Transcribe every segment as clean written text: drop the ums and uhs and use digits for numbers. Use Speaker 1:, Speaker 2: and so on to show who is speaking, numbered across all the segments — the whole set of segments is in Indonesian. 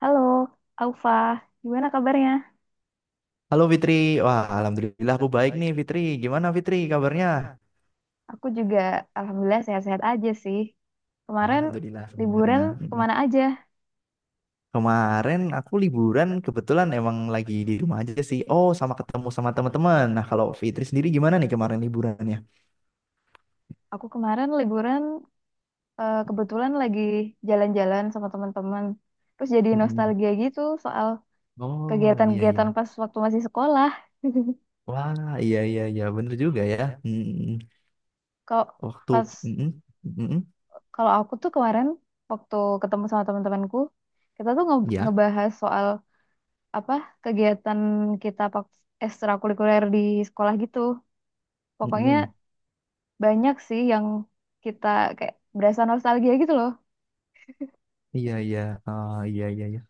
Speaker 1: Halo, Aufa. Gimana kabarnya?
Speaker 2: Halo Fitri, wah alhamdulillah aku baik nih Fitri. Gimana Fitri kabarnya?
Speaker 1: Aku juga alhamdulillah sehat-sehat aja sih. Kemarin
Speaker 2: Alhamdulillah
Speaker 1: liburan
Speaker 2: sebenarnya. Mm-mm.
Speaker 1: kemana aja?
Speaker 2: Kemarin aku liburan kebetulan emang lagi di rumah aja sih. Oh, sama ketemu sama teman-teman. Nah, kalau Fitri sendiri gimana nih kemarin liburannya?
Speaker 1: Aku kemarin liburan kebetulan lagi jalan-jalan sama teman-teman. Terus jadi
Speaker 2: Mm-mm.
Speaker 1: nostalgia gitu soal
Speaker 2: Oh, iya
Speaker 1: kegiatan-kegiatan
Speaker 2: iya.
Speaker 1: pas waktu masih sekolah.
Speaker 2: Wah, iya iya iya, bener juga ya. Mm-mm.
Speaker 1: Kalau
Speaker 2: Waktu
Speaker 1: pas
Speaker 2: mm-mm, mm-mm,
Speaker 1: kalau aku tuh kemarin waktu ketemu sama teman-temanku, kita tuh nge-
Speaker 2: ya.
Speaker 1: ngebahas soal apa kegiatan kita pak ekstrakurikuler di sekolah gitu. Pokoknya
Speaker 2: Mm-mm.
Speaker 1: banyak sih yang kita kayak berasa nostalgia gitu loh.
Speaker 2: Iya iya. Ah, iya iya iya.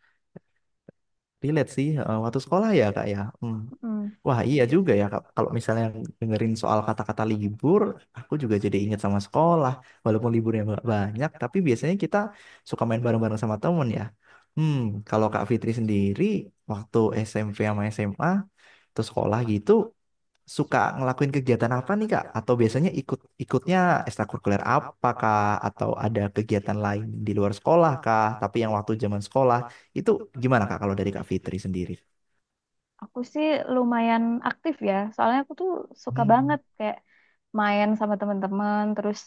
Speaker 2: Relate sih waktu sekolah ya, Kak ya. Mm.
Speaker 1: Mm.
Speaker 2: Wah iya juga ya Kak. Kalau misalnya dengerin soal kata-kata libur, aku juga jadi ingat sama sekolah. Walaupun liburnya nggak banyak, tapi biasanya kita suka main bareng-bareng sama temen ya. Hmm, kalau Kak Fitri sendiri waktu SMP sama SMA terus sekolah gitu suka ngelakuin kegiatan apa nih Kak? Atau biasanya ikut ikutnya ekstrakurikuler apa Kak? Atau ada kegiatan lain di luar sekolah Kak? Tapi yang waktu zaman sekolah itu gimana Kak kalau dari Kak Fitri sendiri?
Speaker 1: Aku sih lumayan aktif ya, soalnya aku tuh suka
Speaker 2: Hmm.
Speaker 1: banget kayak main sama teman-teman, terus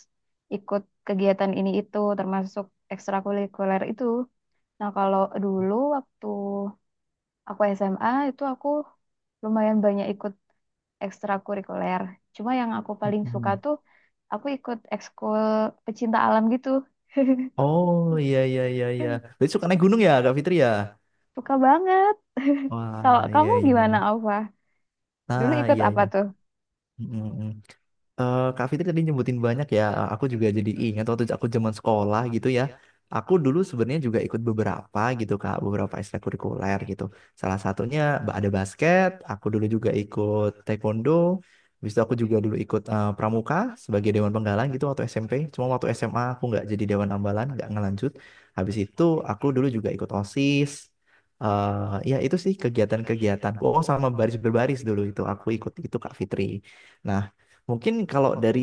Speaker 1: ikut kegiatan ini itu, termasuk ekstrakurikuler itu. Nah, kalau dulu waktu aku SMA itu aku lumayan banyak ikut ekstrakurikuler. Cuma yang aku paling suka
Speaker 2: Mm-mm.
Speaker 1: tuh aku ikut ekskul pecinta alam gitu.
Speaker 2: Oh iya iya iya iya. Jadi suka naik gunung ya Kak Fitri ya?
Speaker 1: Suka banget. Kalau
Speaker 2: Wah iya
Speaker 1: kamu
Speaker 2: iya
Speaker 1: gimana,
Speaker 2: iya.
Speaker 1: Alfa? Dulu
Speaker 2: Ah
Speaker 1: ikut
Speaker 2: iya
Speaker 1: apa
Speaker 2: iya.
Speaker 1: tuh?
Speaker 2: Mm, mm, mm. Kak Fitri tadi nyebutin banyak ya, aku juga jadi ingat waktu aku zaman sekolah gitu ya. Aku dulu sebenarnya juga ikut beberapa gitu Kak, beberapa ekstrakurikuler gitu. Salah satunya ada basket, aku dulu juga ikut taekwondo, habis itu aku juga dulu ikut pramuka sebagai dewan penggalan gitu waktu SMP. Cuma waktu SMA aku nggak jadi dewan ambalan, nggak ngelanjut. Habis itu aku dulu juga ikut OSIS. Ya itu sih kegiatan-kegiatan. Oh sama baris berbaris dulu itu aku ikut itu Kak Fitri. Nah, mungkin kalau dari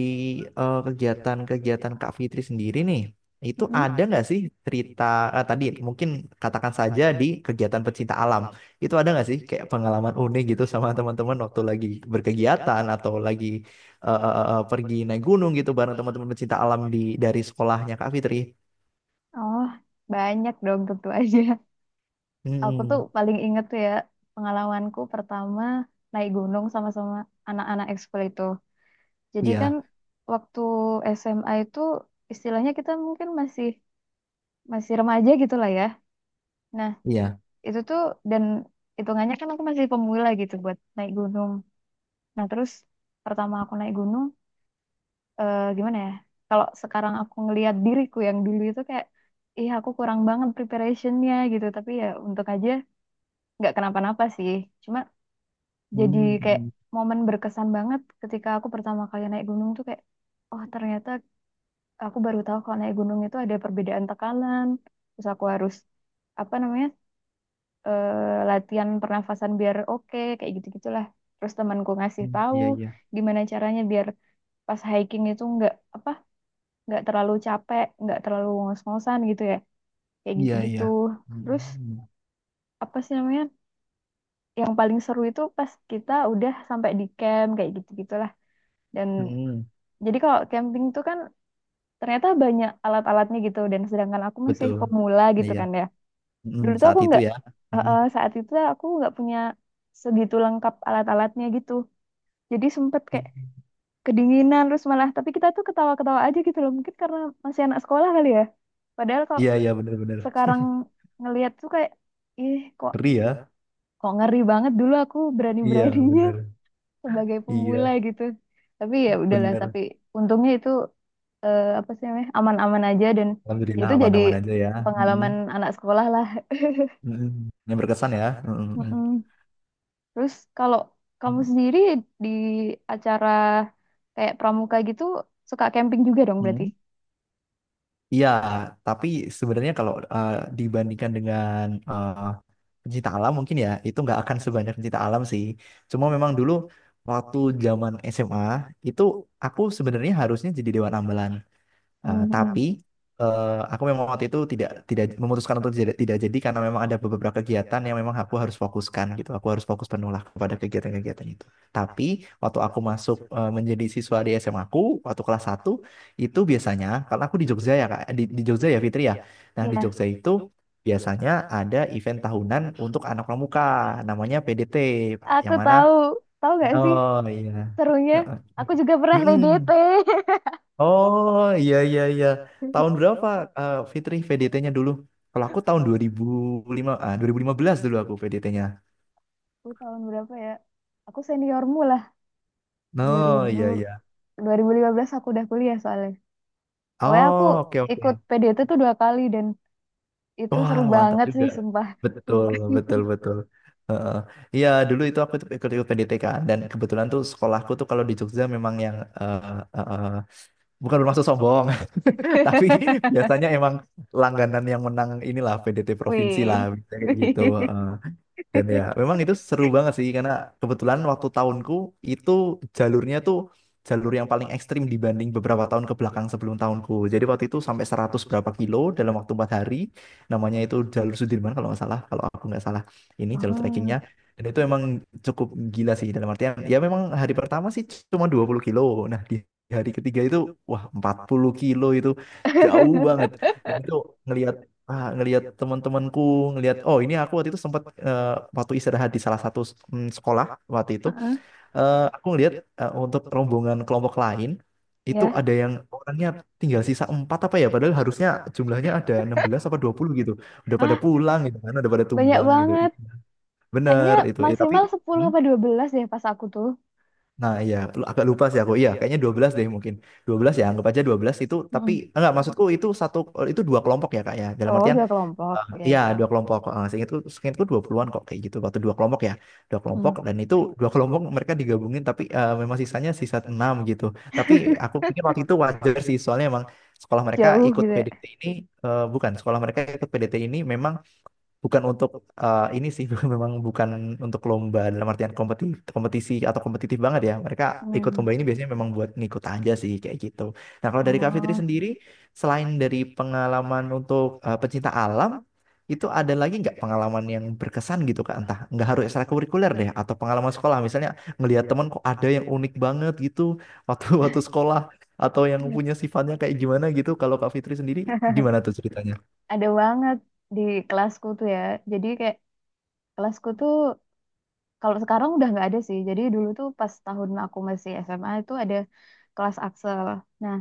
Speaker 2: kegiatan-kegiatan Kak Fitri sendiri nih, itu
Speaker 1: Mm-mm.
Speaker 2: ada nggak sih cerita tadi mungkin katakan saja di kegiatan pecinta alam. Itu ada nggak sih kayak pengalaman unik gitu sama teman-teman waktu lagi berkegiatan atau lagi pergi naik gunung gitu bareng teman-teman pecinta alam di dari sekolahnya Kak Fitri.
Speaker 1: Oh, banyak dong tentu aja. Aku tuh
Speaker 2: Hmm,
Speaker 1: paling inget tuh ya pengalamanku pertama naik gunung sama-sama anak-anak ekskul itu. Jadi kan
Speaker 2: iya,
Speaker 1: waktu SMA itu istilahnya kita mungkin masih masih remaja gitu lah ya. Nah,
Speaker 2: iya.
Speaker 1: itu tuh dan hitungannya kan aku masih pemula gitu buat naik gunung. Nah, terus pertama aku naik gunung, gimana ya, kalau sekarang aku ngelihat diriku yang dulu itu kayak ih aku kurang banget preparationnya gitu, tapi ya untuk aja nggak kenapa-napa sih, cuma jadi kayak
Speaker 2: Hmm,
Speaker 1: momen berkesan banget ketika aku pertama kali naik gunung tuh kayak oh ternyata aku baru tahu kalau naik gunung itu ada perbedaan tekanan, terus aku harus apa namanya, eh, latihan pernafasan biar oke kayak gitu-gitulah, terus temanku ngasih
Speaker 2: hmm,
Speaker 1: tahu
Speaker 2: iya, iya.
Speaker 1: gimana caranya biar pas hiking itu nggak apa, nggak terlalu capek, nggak terlalu ngos-ngosan gitu ya. Kayak
Speaker 2: Iya,
Speaker 1: gitu-gitu.
Speaker 2: iya.
Speaker 1: Terus
Speaker 2: Hmm,
Speaker 1: apa sih namanya? Yang paling seru itu pas kita udah sampai di camp kayak gitu-gitulah. Dan
Speaker 2: hmm,
Speaker 1: jadi kalau camping tuh kan ternyata banyak alat-alatnya gitu, dan sedangkan aku masih
Speaker 2: betul.
Speaker 1: pemula gitu
Speaker 2: Iya.
Speaker 1: kan ya.
Speaker 2: Hmm,
Speaker 1: Dulu tuh
Speaker 2: saat
Speaker 1: aku
Speaker 2: itu
Speaker 1: nggak,
Speaker 2: ya.
Speaker 1: saat itu aku nggak punya segitu lengkap alat-alatnya gitu. Jadi sempet kayak
Speaker 2: Hmm.
Speaker 1: kedinginan terus malah, tapi kita tuh ketawa-ketawa aja gitu loh mungkin karena masih anak sekolah kali ya, padahal kalau
Speaker 2: Iya, iya benar-benar.
Speaker 1: sekarang ngelihat tuh kayak ih kok
Speaker 2: Ngeri ya.
Speaker 1: kok ngeri banget dulu aku
Speaker 2: Iya,
Speaker 1: berani-beraninya
Speaker 2: benar.
Speaker 1: sebagai pemula
Speaker 2: Iya,
Speaker 1: gitu, tapi ya udahlah,
Speaker 2: benar.
Speaker 1: tapi untungnya itu, apa sih namanya, aman-aman aja dan
Speaker 2: Alhamdulillah
Speaker 1: itu jadi
Speaker 2: aman-aman aja ya. Mm-mm.
Speaker 1: pengalaman anak sekolah lah.
Speaker 2: Mm-mm. Yang berkesan ya. Mm-mm.
Speaker 1: Mm-mm. Terus kalau kamu sendiri di acara kayak pramuka gitu suka camping juga dong berarti.
Speaker 2: Mm-mm. Iya, tapi sebenarnya kalau dibandingkan dengan uh, pencinta alam mungkin ya itu nggak akan sebanyak pencinta alam sih. Cuma memang dulu waktu zaman SMA itu aku sebenarnya harusnya jadi dewan ambalan. Tapi
Speaker 1: Mm-mm.
Speaker 2: aku memang waktu itu tidak tidak memutuskan untuk tidak jadi karena memang ada beberapa kegiatan yang memang aku harus fokuskan gitu. Aku harus fokus penuh lah kepada kegiatan-kegiatan itu. Tapi waktu aku masuk menjadi siswa di SMA aku waktu kelas satu itu biasanya karena aku di Jogja ya Kak, di Jogja ya Fitri ya. Nah, di
Speaker 1: Ya,
Speaker 2: Jogja itu biasanya ada event tahunan untuk anak pramuka namanya PDT, Pak,
Speaker 1: aku
Speaker 2: yang mana
Speaker 1: tahu tahu nggak sih
Speaker 2: oh iya.
Speaker 1: serunya,
Speaker 2: Eh, eh.
Speaker 1: aku juga pernah
Speaker 2: Mm-mm.
Speaker 1: PDT.
Speaker 2: Oh iya iya iya. Tahun berapa Fitri VDT-nya dulu? Kalau aku tahun 2015 dulu aku VDT-nya.
Speaker 1: Aku tahun berapa ya? Aku seniormu lah, dua
Speaker 2: Oh iya iya.
Speaker 1: dua ribu lima belas aku udah kuliah soalnya. Pokoknya aku
Speaker 2: Oh, oke oke.
Speaker 1: ikut PDT tuh dua kali dan itu seru
Speaker 2: Wah, mantap
Speaker 1: banget sih,
Speaker 2: juga.
Speaker 1: sumpah.
Speaker 2: Betul, betul, betul. Heeh. Iya, dulu itu aku tuh ikut-ikut PDT kan dan kebetulan tuh sekolahku tuh kalau di Jogja memang yang eh, eh, bukan bermaksud sombong, tapi biasanya emang langganan yang menang inilah PDT provinsi
Speaker 1: Wih.
Speaker 2: lah biasanya kayak gitu. Dan ya, memang itu seru banget sih karena kebetulan waktu tahunku itu jalurnya tuh jalur yang paling ekstrim dibanding beberapa tahun ke belakang sebelum tahunku. Jadi waktu itu sampai 100 berapa kilo dalam waktu 4 hari. Namanya itu jalur Sudirman kalau nggak salah, kalau aku nggak salah. Ini jalur
Speaker 1: Oh.
Speaker 2: trekkingnya. Dan itu emang cukup gila sih dalam artian ya memang hari pertama sih cuma 20 kilo. Nah, di hari ketiga itu wah 40 kilo itu jauh banget. Dan itu ngelihat ngelihat teman-temanku ngelihat oh ini aku waktu itu sempat eh, waktu istirahat di salah satu sekolah waktu itu
Speaker 1: Heeh,
Speaker 2: aku ngelihat untuk rombongan kelompok lain itu
Speaker 1: ya.
Speaker 2: ada yang orangnya tinggal sisa 4 apa ya padahal harusnya jumlahnya ada 16 apa 20 gitu udah pada
Speaker 1: Ah,
Speaker 2: pulang gitu kan udah pada
Speaker 1: banyak
Speaker 2: tumbang gitu.
Speaker 1: banget.
Speaker 2: Itu
Speaker 1: Kayaknya
Speaker 2: bener itu. Tapi
Speaker 1: maksimal 10
Speaker 2: hmm?
Speaker 1: apa 12 deh pas aku tuh.
Speaker 2: Nah, iya, agak lupa sih aku. Iya, kayaknya 12 deh mungkin. 12 ya, anggap aja 12 itu tapi
Speaker 1: Mm-mm.
Speaker 2: enggak maksudku itu satu itu dua kelompok ya, Kak ya. Dalam
Speaker 1: Oh,
Speaker 2: artian
Speaker 1: dua kelompok. Ya.
Speaker 2: iya, dua kelompok. Eh, seingatku, seingatku 20-an kok kayak gitu. Waktu dua kelompok ya. Dua kelompok
Speaker 1: Mm.
Speaker 2: dan itu dua kelompok mereka digabungin tapi memang sisanya sisa 6 gitu. Tapi aku pikir waktu itu wajar sih soalnya emang sekolah mereka
Speaker 1: Jauh
Speaker 2: ikut
Speaker 1: gitu ya.
Speaker 2: PDT ini bukan sekolah mereka ikut PDT ini memang bukan untuk ini sih memang bukan untuk lomba dalam artian kompetisi atau kompetitif banget ya mereka ikut
Speaker 1: Mm.
Speaker 2: lomba ini biasanya memang buat ngikut aja sih kayak gitu. Nah kalau dari Kak Fitri
Speaker 1: Oh.
Speaker 2: sendiri selain dari pengalaman untuk pecinta alam itu ada lagi nggak pengalaman yang berkesan gitu Kak entah nggak harus ekstrakurikuler deh atau pengalaman sekolah misalnya ngelihat teman kok ada yang unik banget gitu waktu waktu sekolah atau yang punya sifatnya kayak gimana gitu kalau Kak Fitri sendiri gimana tuh ceritanya?
Speaker 1: Ada banget di kelasku tuh ya. Jadi kayak kelasku tuh kalau sekarang udah nggak ada sih. Jadi dulu tuh pas tahun aku masih SMA itu ada kelas Axel. Nah,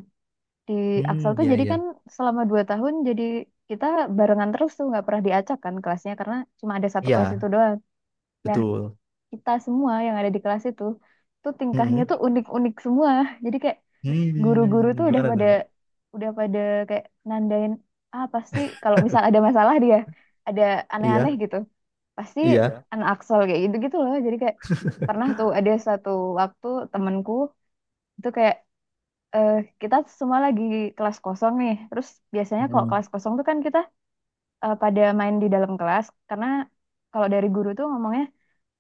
Speaker 1: di Axel
Speaker 2: Hmm,
Speaker 1: tuh
Speaker 2: iya,
Speaker 1: jadi kan
Speaker 2: iya.
Speaker 1: selama dua tahun jadi kita barengan terus tuh nggak pernah diacak kan kelasnya karena cuma ada satu kelas
Speaker 2: Iya.
Speaker 1: itu doang. Nah,
Speaker 2: Betul.
Speaker 1: kita semua yang ada di kelas itu tuh tingkahnya
Speaker 2: Mm-mm.
Speaker 1: tuh unik-unik semua. Jadi kayak guru-guru
Speaker 2: Hmm,
Speaker 1: tuh udah
Speaker 2: gimana
Speaker 1: pada
Speaker 2: tuh, Pak?
Speaker 1: udah pada kayak nandain, ah pasti kalau misal ada masalah, dia ada aneh-aneh
Speaker 2: Iya,
Speaker 1: gitu pasti
Speaker 2: iya.
Speaker 1: anak Axel, kayak gitu gitu loh. Jadi kayak pernah tuh ada satu waktu temenku itu kayak, eh, kita semua lagi kelas kosong nih, terus biasanya kalau
Speaker 2: Mm.
Speaker 1: kelas kosong tuh kan kita pada main di dalam kelas karena kalau dari guru tuh ngomongnya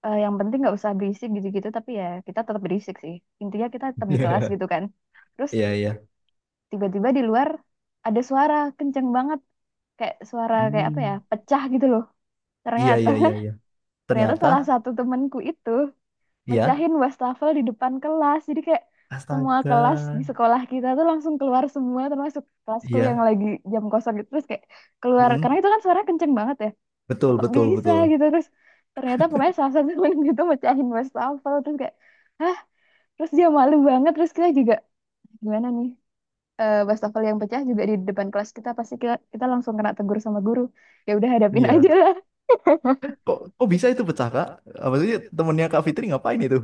Speaker 1: yang penting nggak usah berisik gitu-gitu, tapi ya kita tetap berisik sih, intinya kita tetap di kelas gitu kan, terus
Speaker 2: Iya, iya.
Speaker 1: tiba-tiba di luar ada suara kenceng banget kayak suara kayak apa ya
Speaker 2: Hmm,
Speaker 1: pecah gitu loh,
Speaker 2: iya,
Speaker 1: ternyata
Speaker 2: iya, iya, iya.
Speaker 1: ternyata
Speaker 2: Ternyata,
Speaker 1: salah satu temanku itu
Speaker 2: iya.
Speaker 1: mecahin wastafel di depan kelas, jadi kayak semua kelas di
Speaker 2: Astaga.
Speaker 1: sekolah kita tuh langsung keluar semua, termasuk kelasku yang
Speaker 2: Iya.
Speaker 1: lagi jam kosong gitu, terus kayak keluar karena
Speaker 2: Mm-mm.
Speaker 1: itu kan suara kenceng banget ya,
Speaker 2: Betul,
Speaker 1: kok
Speaker 2: betul,
Speaker 1: bisa
Speaker 2: betul.
Speaker 1: gitu. Terus ternyata pokoknya salah satu temen gitu mecahin wastafel, terus kayak hah, terus dia malu banget, terus kita juga gimana nih, wastafel yang pecah juga di depan kelas kita, pasti kita langsung kena tegur sama guru. Ya udah hadapin
Speaker 2: Iya.
Speaker 1: aja lah.
Speaker 2: Kok, kok bisa itu pecah, Kak? Apa sih temennya Kak Fitri ngapain itu?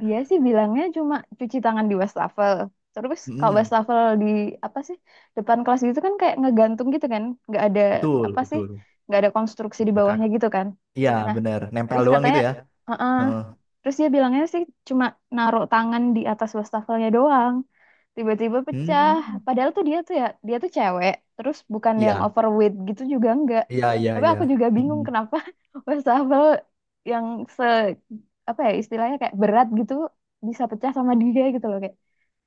Speaker 1: Dia sih bilangnya cuma cuci tangan di wastafel. Terus kalau
Speaker 2: Mm-mm.
Speaker 1: wastafel di apa sih depan kelas gitu kan kayak ngegantung gitu kan, nggak ada
Speaker 2: Betul,
Speaker 1: apa sih,
Speaker 2: betul.
Speaker 1: nggak ada konstruksi di
Speaker 2: Ya, Kak.
Speaker 1: bawahnya gitu kan.
Speaker 2: Iya,
Speaker 1: Nah
Speaker 2: benar. Nempel
Speaker 1: terus
Speaker 2: doang
Speaker 1: katanya,
Speaker 2: gitu ya.
Speaker 1: "Heeh."
Speaker 2: Heeh.
Speaker 1: Terus dia bilangnya sih cuma naruh tangan di atas wastafelnya doang, tiba-tiba pecah.
Speaker 2: Hmm.
Speaker 1: Padahal tuh dia tuh ya, dia tuh cewek, terus bukan yang
Speaker 2: Iya,
Speaker 1: overweight gitu juga enggak.
Speaker 2: iya, iya,
Speaker 1: Tapi
Speaker 2: iya.
Speaker 1: aku juga bingung
Speaker 2: Mm-mm.
Speaker 1: kenapa wastafel yang se apa ya istilahnya kayak berat gitu bisa pecah sama dia gitu loh kayak,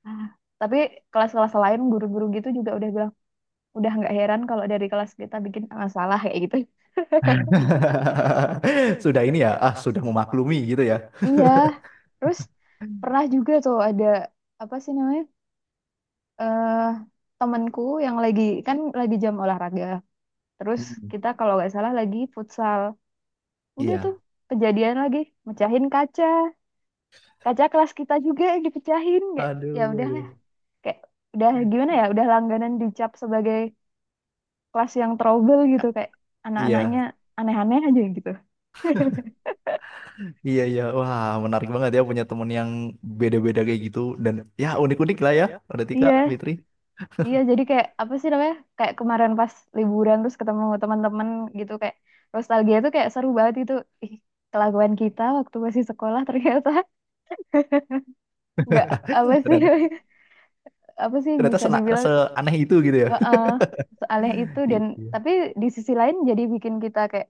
Speaker 1: ah. Tapi kelas-kelas lain guru-guru gitu juga udah bilang udah nggak heran kalau dari kelas kita bikin masalah kayak gitu.
Speaker 2: Sudah ini ya, ah sudah memaklumi gitu ya.
Speaker 1: Iya. Terus pernah juga tuh ada apa sih namanya? eh temanku yang lagi, kan lagi jam olahraga. Terus
Speaker 2: Hmm.
Speaker 1: kita kalau nggak salah lagi futsal. Udah tuh
Speaker 2: Iya.
Speaker 1: kejadian lagi mecahin kaca. Kaca kelas kita juga yang dipecahin, kayak ya
Speaker 2: Aduh,
Speaker 1: udah lah,
Speaker 2: aduh.
Speaker 1: kayak udah gimana ya? Udah langganan dicap sebagai kelas yang trouble gitu kayak anak-anaknya
Speaker 2: Iya,
Speaker 1: aneh-aneh aja gitu.
Speaker 2: iya, iya. Wah, menarik banget ya punya temen yang beda-beda kayak gitu. Dan ya unik-unik lah ya. Udah Tika,
Speaker 1: Iya,
Speaker 2: Fitri.
Speaker 1: iya jadi kayak apa sih namanya? Kayak kemarin pas liburan terus ketemu teman-teman gitu kayak nostalgia tuh kayak seru banget itu. Ih, kelakuan kita waktu masih sekolah ternyata nggak apa sih
Speaker 2: Ternyata,
Speaker 1: apa sih bisa dibilang
Speaker 2: seaneh itu gitu ya.
Speaker 1: heeh, seaneh itu, dan
Speaker 2: Iya, iya,
Speaker 1: tapi di sisi lain jadi bikin kita kayak,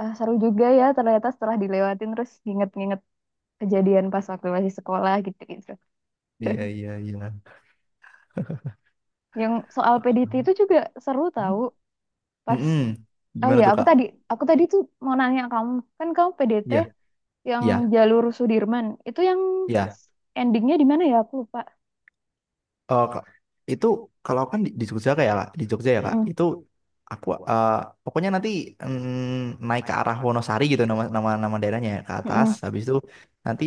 Speaker 1: "Ah, seru juga ya ternyata, setelah dilewatin terus nginget-nginget kejadian pas waktu masih sekolah gitu-gitu."
Speaker 2: iya, iya. Iya.
Speaker 1: Yang soal PDT itu juga seru tahu pas,
Speaker 2: Mm-mm.
Speaker 1: oh
Speaker 2: Gimana
Speaker 1: ya
Speaker 2: tuh, Kak?
Speaker 1: aku tadi tuh mau nanya kamu, kan kamu PDT
Speaker 2: Iya,
Speaker 1: yang
Speaker 2: iya,
Speaker 1: jalur Sudirman itu yang
Speaker 2: iya.
Speaker 1: endingnya di mana ya, aku lupa.
Speaker 2: Kak, itu kalau kan di Jogja kayak ya, Kak, di Jogja ya Kak,
Speaker 1: Mm-mm,
Speaker 2: itu aku pokoknya nanti naik ke arah Wonosari gitu nama nama nama daerahnya ya, ke atas,
Speaker 1: mm-mm.
Speaker 2: habis itu nanti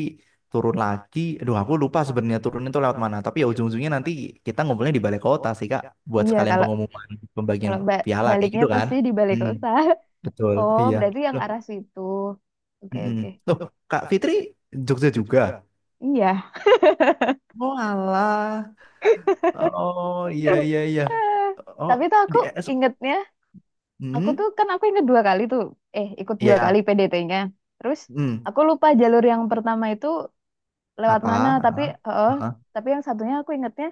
Speaker 2: turun lagi. Aduh, aku lupa sebenarnya turun itu lewat mana. Tapi ya ujung-ujungnya nanti kita ngumpulnya di balai kota sih Kak, buat
Speaker 1: Iya
Speaker 2: sekalian
Speaker 1: kalau
Speaker 2: pengumuman pembagian
Speaker 1: kalau
Speaker 2: piala kayak
Speaker 1: baliknya
Speaker 2: gitu kan.
Speaker 1: pasti di Balai
Speaker 2: Hmm,
Speaker 1: Kota.
Speaker 2: betul.
Speaker 1: Oh
Speaker 2: Iya.
Speaker 1: berarti yang
Speaker 2: Loh,
Speaker 1: arah situ. Oke,
Speaker 2: mm-mm.
Speaker 1: oke.
Speaker 2: Loh, Kak Fitri Jogja juga.
Speaker 1: Iya.
Speaker 2: Oh alah. Oh iya iya iya.
Speaker 1: Eh,
Speaker 2: Oh
Speaker 1: Tapi tuh
Speaker 2: di
Speaker 1: aku ingetnya, aku tuh
Speaker 2: hmm,
Speaker 1: kan aku inget dua kali tuh. Ikut dua kali
Speaker 2: iya.
Speaker 1: PDT-nya. Terus
Speaker 2: Hmm,
Speaker 1: aku lupa jalur yang pertama itu lewat
Speaker 2: apa?
Speaker 1: mana, tapi
Speaker 2: Heeh,
Speaker 1: heeh,
Speaker 2: heeh.
Speaker 1: tapi yang satunya aku ingetnya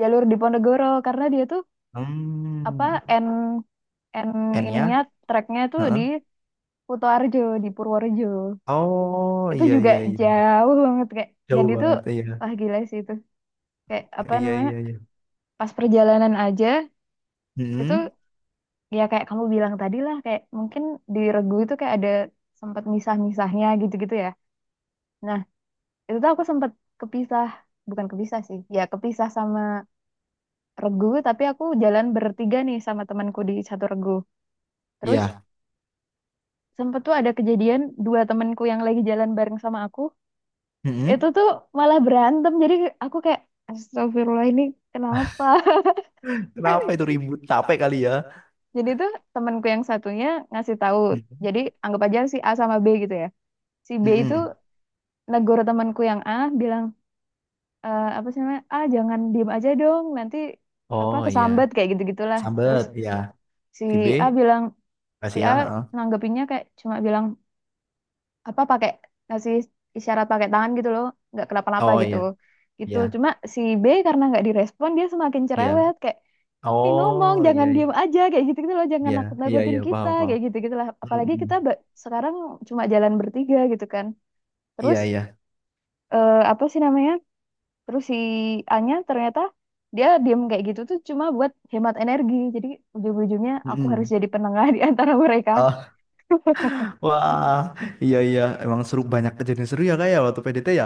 Speaker 1: jalur di Ponegoro karena dia tuh apa
Speaker 2: Hmm,
Speaker 1: N N
Speaker 2: N-nya?
Speaker 1: ininya treknya tuh di
Speaker 2: Heeh.
Speaker 1: Kutoarjo, di Purworejo.
Speaker 2: Oh,
Speaker 1: Itu
Speaker 2: iya
Speaker 1: juga
Speaker 2: iya iya. Iya.
Speaker 1: jauh banget kayak, dan
Speaker 2: Jauh
Speaker 1: itu
Speaker 2: banget iya.
Speaker 1: wah gila sih itu. Kayak apa
Speaker 2: Iya
Speaker 1: namanya?
Speaker 2: iya iya.
Speaker 1: Pas perjalanan aja itu
Speaker 2: Hmm,
Speaker 1: ya kayak kamu bilang tadi lah, kayak mungkin di regu itu kayak ada sempat misah-misahnya gitu-gitu ya, nah itu tuh aku sempat kepisah, bukan kepisah sih ya, kepisah sama regu tapi aku jalan bertiga nih sama temanku di satu regu, terus
Speaker 2: iya.
Speaker 1: sempat tuh ada kejadian dua temanku yang lagi jalan bareng sama aku
Speaker 2: Hmm.
Speaker 1: itu tuh malah berantem, jadi aku kayak, Astagfirullah ini kenapa.
Speaker 2: Kenapa itu ribut? Capek kali ya.
Speaker 1: Jadi tuh temanku yang satunya ngasih tahu.
Speaker 2: Hmm.
Speaker 1: Jadi anggap aja si A sama B gitu ya. Si B itu
Speaker 2: Hmm.
Speaker 1: negur temanku yang A, bilang, apa sih namanya, A jangan diem aja dong nanti apa
Speaker 2: Oh iya.
Speaker 1: kesambat kayak gitu gitulah, terus
Speaker 2: Sambet, iya.
Speaker 1: si
Speaker 2: Si B,
Speaker 1: A bilang si
Speaker 2: kasih
Speaker 1: A
Speaker 2: ya. Heeh.
Speaker 1: nanggepinnya kayak cuma bilang apa pakai ngasih isyarat pakai tangan gitu loh, nggak kenapa-napa
Speaker 2: Oh
Speaker 1: gitu,
Speaker 2: iya,
Speaker 1: gitu
Speaker 2: iya,
Speaker 1: cuma si B karena nggak direspon dia semakin
Speaker 2: iya.
Speaker 1: cerewet kayak, "Ih, ngomong
Speaker 2: Oh iya
Speaker 1: jangan
Speaker 2: iya.
Speaker 1: diem aja kayak gitu gitu loh, jangan
Speaker 2: Iya, iya
Speaker 1: nakut-nakutin
Speaker 2: iya
Speaker 1: kita
Speaker 2: paham paham.
Speaker 1: kayak gitu gitulah,
Speaker 2: Hmm.
Speaker 1: apalagi
Speaker 2: Hmm.
Speaker 1: kita sekarang cuma jalan bertiga gitu kan,
Speaker 2: Iya
Speaker 1: terus
Speaker 2: iya.
Speaker 1: apa sih namanya." Terus si Anya ternyata dia diem kayak gitu tuh cuma buat hemat energi. Jadi ujung-ujungnya aku
Speaker 2: Hmm.
Speaker 1: harus jadi penengah di antara mereka.
Speaker 2: Hmm. Wah, iya iya, emang seru banyak kejadian seru ya kayak waktu PDT ya.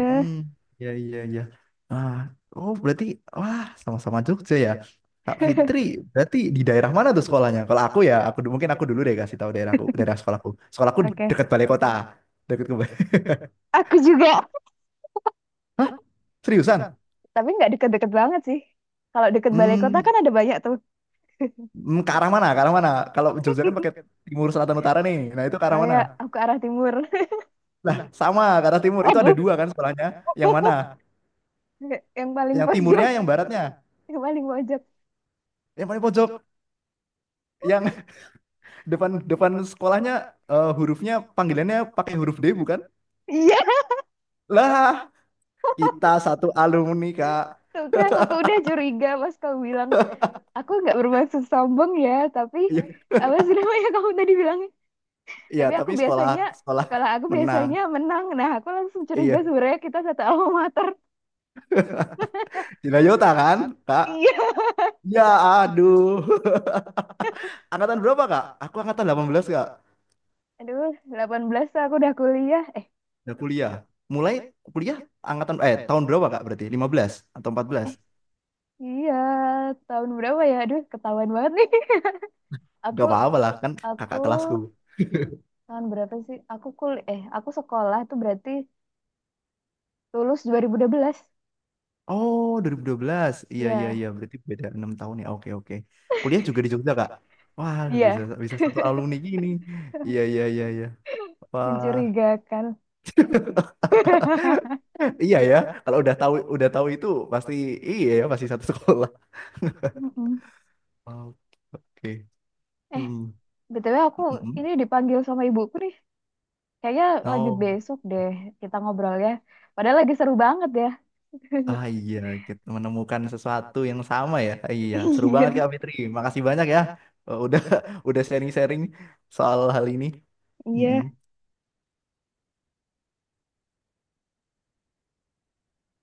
Speaker 2: Hmm, iya iya iya. Ah, oh berarti wah sama-sama Jogja ya. Kak Fitri, berarti di daerah mana tuh sekolahnya? Kalau aku ya, mungkin aku dulu deh kasih tahu daerahku, daerah sekolahku. Sekolahku
Speaker 1: Oke.
Speaker 2: dekat balai kota, dekat ke balai.
Speaker 1: Aku juga.
Speaker 2: Hah? Seriusan?
Speaker 1: Tapi nggak deket-deket banget sih. Kalau deket balai kota
Speaker 2: Hmm,
Speaker 1: kan ada banyak tuh.
Speaker 2: hmm, ke arah mana? Ke arah mana? Kalau Jogja kan pakai timur, selatan, utara nih. Nah itu ke
Speaker 1: Oh
Speaker 2: arah mana?
Speaker 1: ya, aku ke arah timur.
Speaker 2: Lah, sama ke arah timur. Itu
Speaker 1: Oh,
Speaker 2: ada
Speaker 1: bu.
Speaker 2: dua kan sekolahnya. Yang mana?
Speaker 1: Yang paling
Speaker 2: Yang timurnya,
Speaker 1: pojok.
Speaker 2: yang baratnya.
Speaker 1: Yang paling pojok.
Speaker 2: Yang paling pojok yang depan depan sekolahnya hurufnya panggilannya pakai huruf D bukan?
Speaker 1: Iya,
Speaker 2: Lah, kita satu alumni, Kak.
Speaker 1: tuh kan. Aku udah curiga pas kau bilang, aku nggak bermaksud sombong ya, tapi
Speaker 2: Iya,
Speaker 1: apa sih namanya kamu tadi bilang?
Speaker 2: iya,
Speaker 1: Tapi aku
Speaker 2: tapi sekolah
Speaker 1: biasanya
Speaker 2: sekolah
Speaker 1: sekolah aku
Speaker 2: menang.
Speaker 1: biasanya menang, nah aku langsung curiga
Speaker 2: Iya,
Speaker 1: sebenarnya kita satu alma mater.
Speaker 2: Cinayota kan, Kak?
Speaker 1: Iya.
Speaker 2: Ya, aduh. Angkatan berapa, Kak? Aku angkatan 18 Kak.
Speaker 1: Aduh, 18 aku udah kuliah,
Speaker 2: Udah kuliah. Mulai kuliah angkatan tahun berapa, Kak? Berarti 15 atau 14?
Speaker 1: eh iya, tahun berapa ya, aduh ketahuan banget nih. aku
Speaker 2: Gak apa-apa lah kan
Speaker 1: aku
Speaker 2: kakak kelasku.
Speaker 1: tahun berapa sih, aku kul eh aku sekolah tuh berarti lulus 2012,
Speaker 2: Oh, dua 2012, iya, iya,
Speaker 1: ya
Speaker 2: iya. Berarti beda 6 tahun ya. Oke, oke. Kuliah juga di Jogja, Kak? Wah, bisa
Speaker 1: iya.
Speaker 2: bisa satu alumni gini. Iya, iya, iya, iya. Wah.
Speaker 1: Mencurigakan.
Speaker 2: Iya ya. Kalau udah tahu itu pasti iya ya, pasti satu sekolah.
Speaker 1: Mm-mm.
Speaker 2: Oke. Oke.
Speaker 1: eh
Speaker 2: Hmm.
Speaker 1: btw aku
Speaker 2: Mm-mm.
Speaker 1: ini dipanggil sama ibuku nih, kayaknya lanjut
Speaker 2: Oh.
Speaker 1: besok deh kita ngobrolnya. Padahal lagi seru banget ya.
Speaker 2: Ah iya, kita menemukan sesuatu yang sama ya. Iya, seru banget
Speaker 1: Iya,
Speaker 2: Kak Fitri. Makasih banyak ya. Eh, udah udah sharing-sharing soal hal ini.
Speaker 1: iya.
Speaker 2: Mm-mm.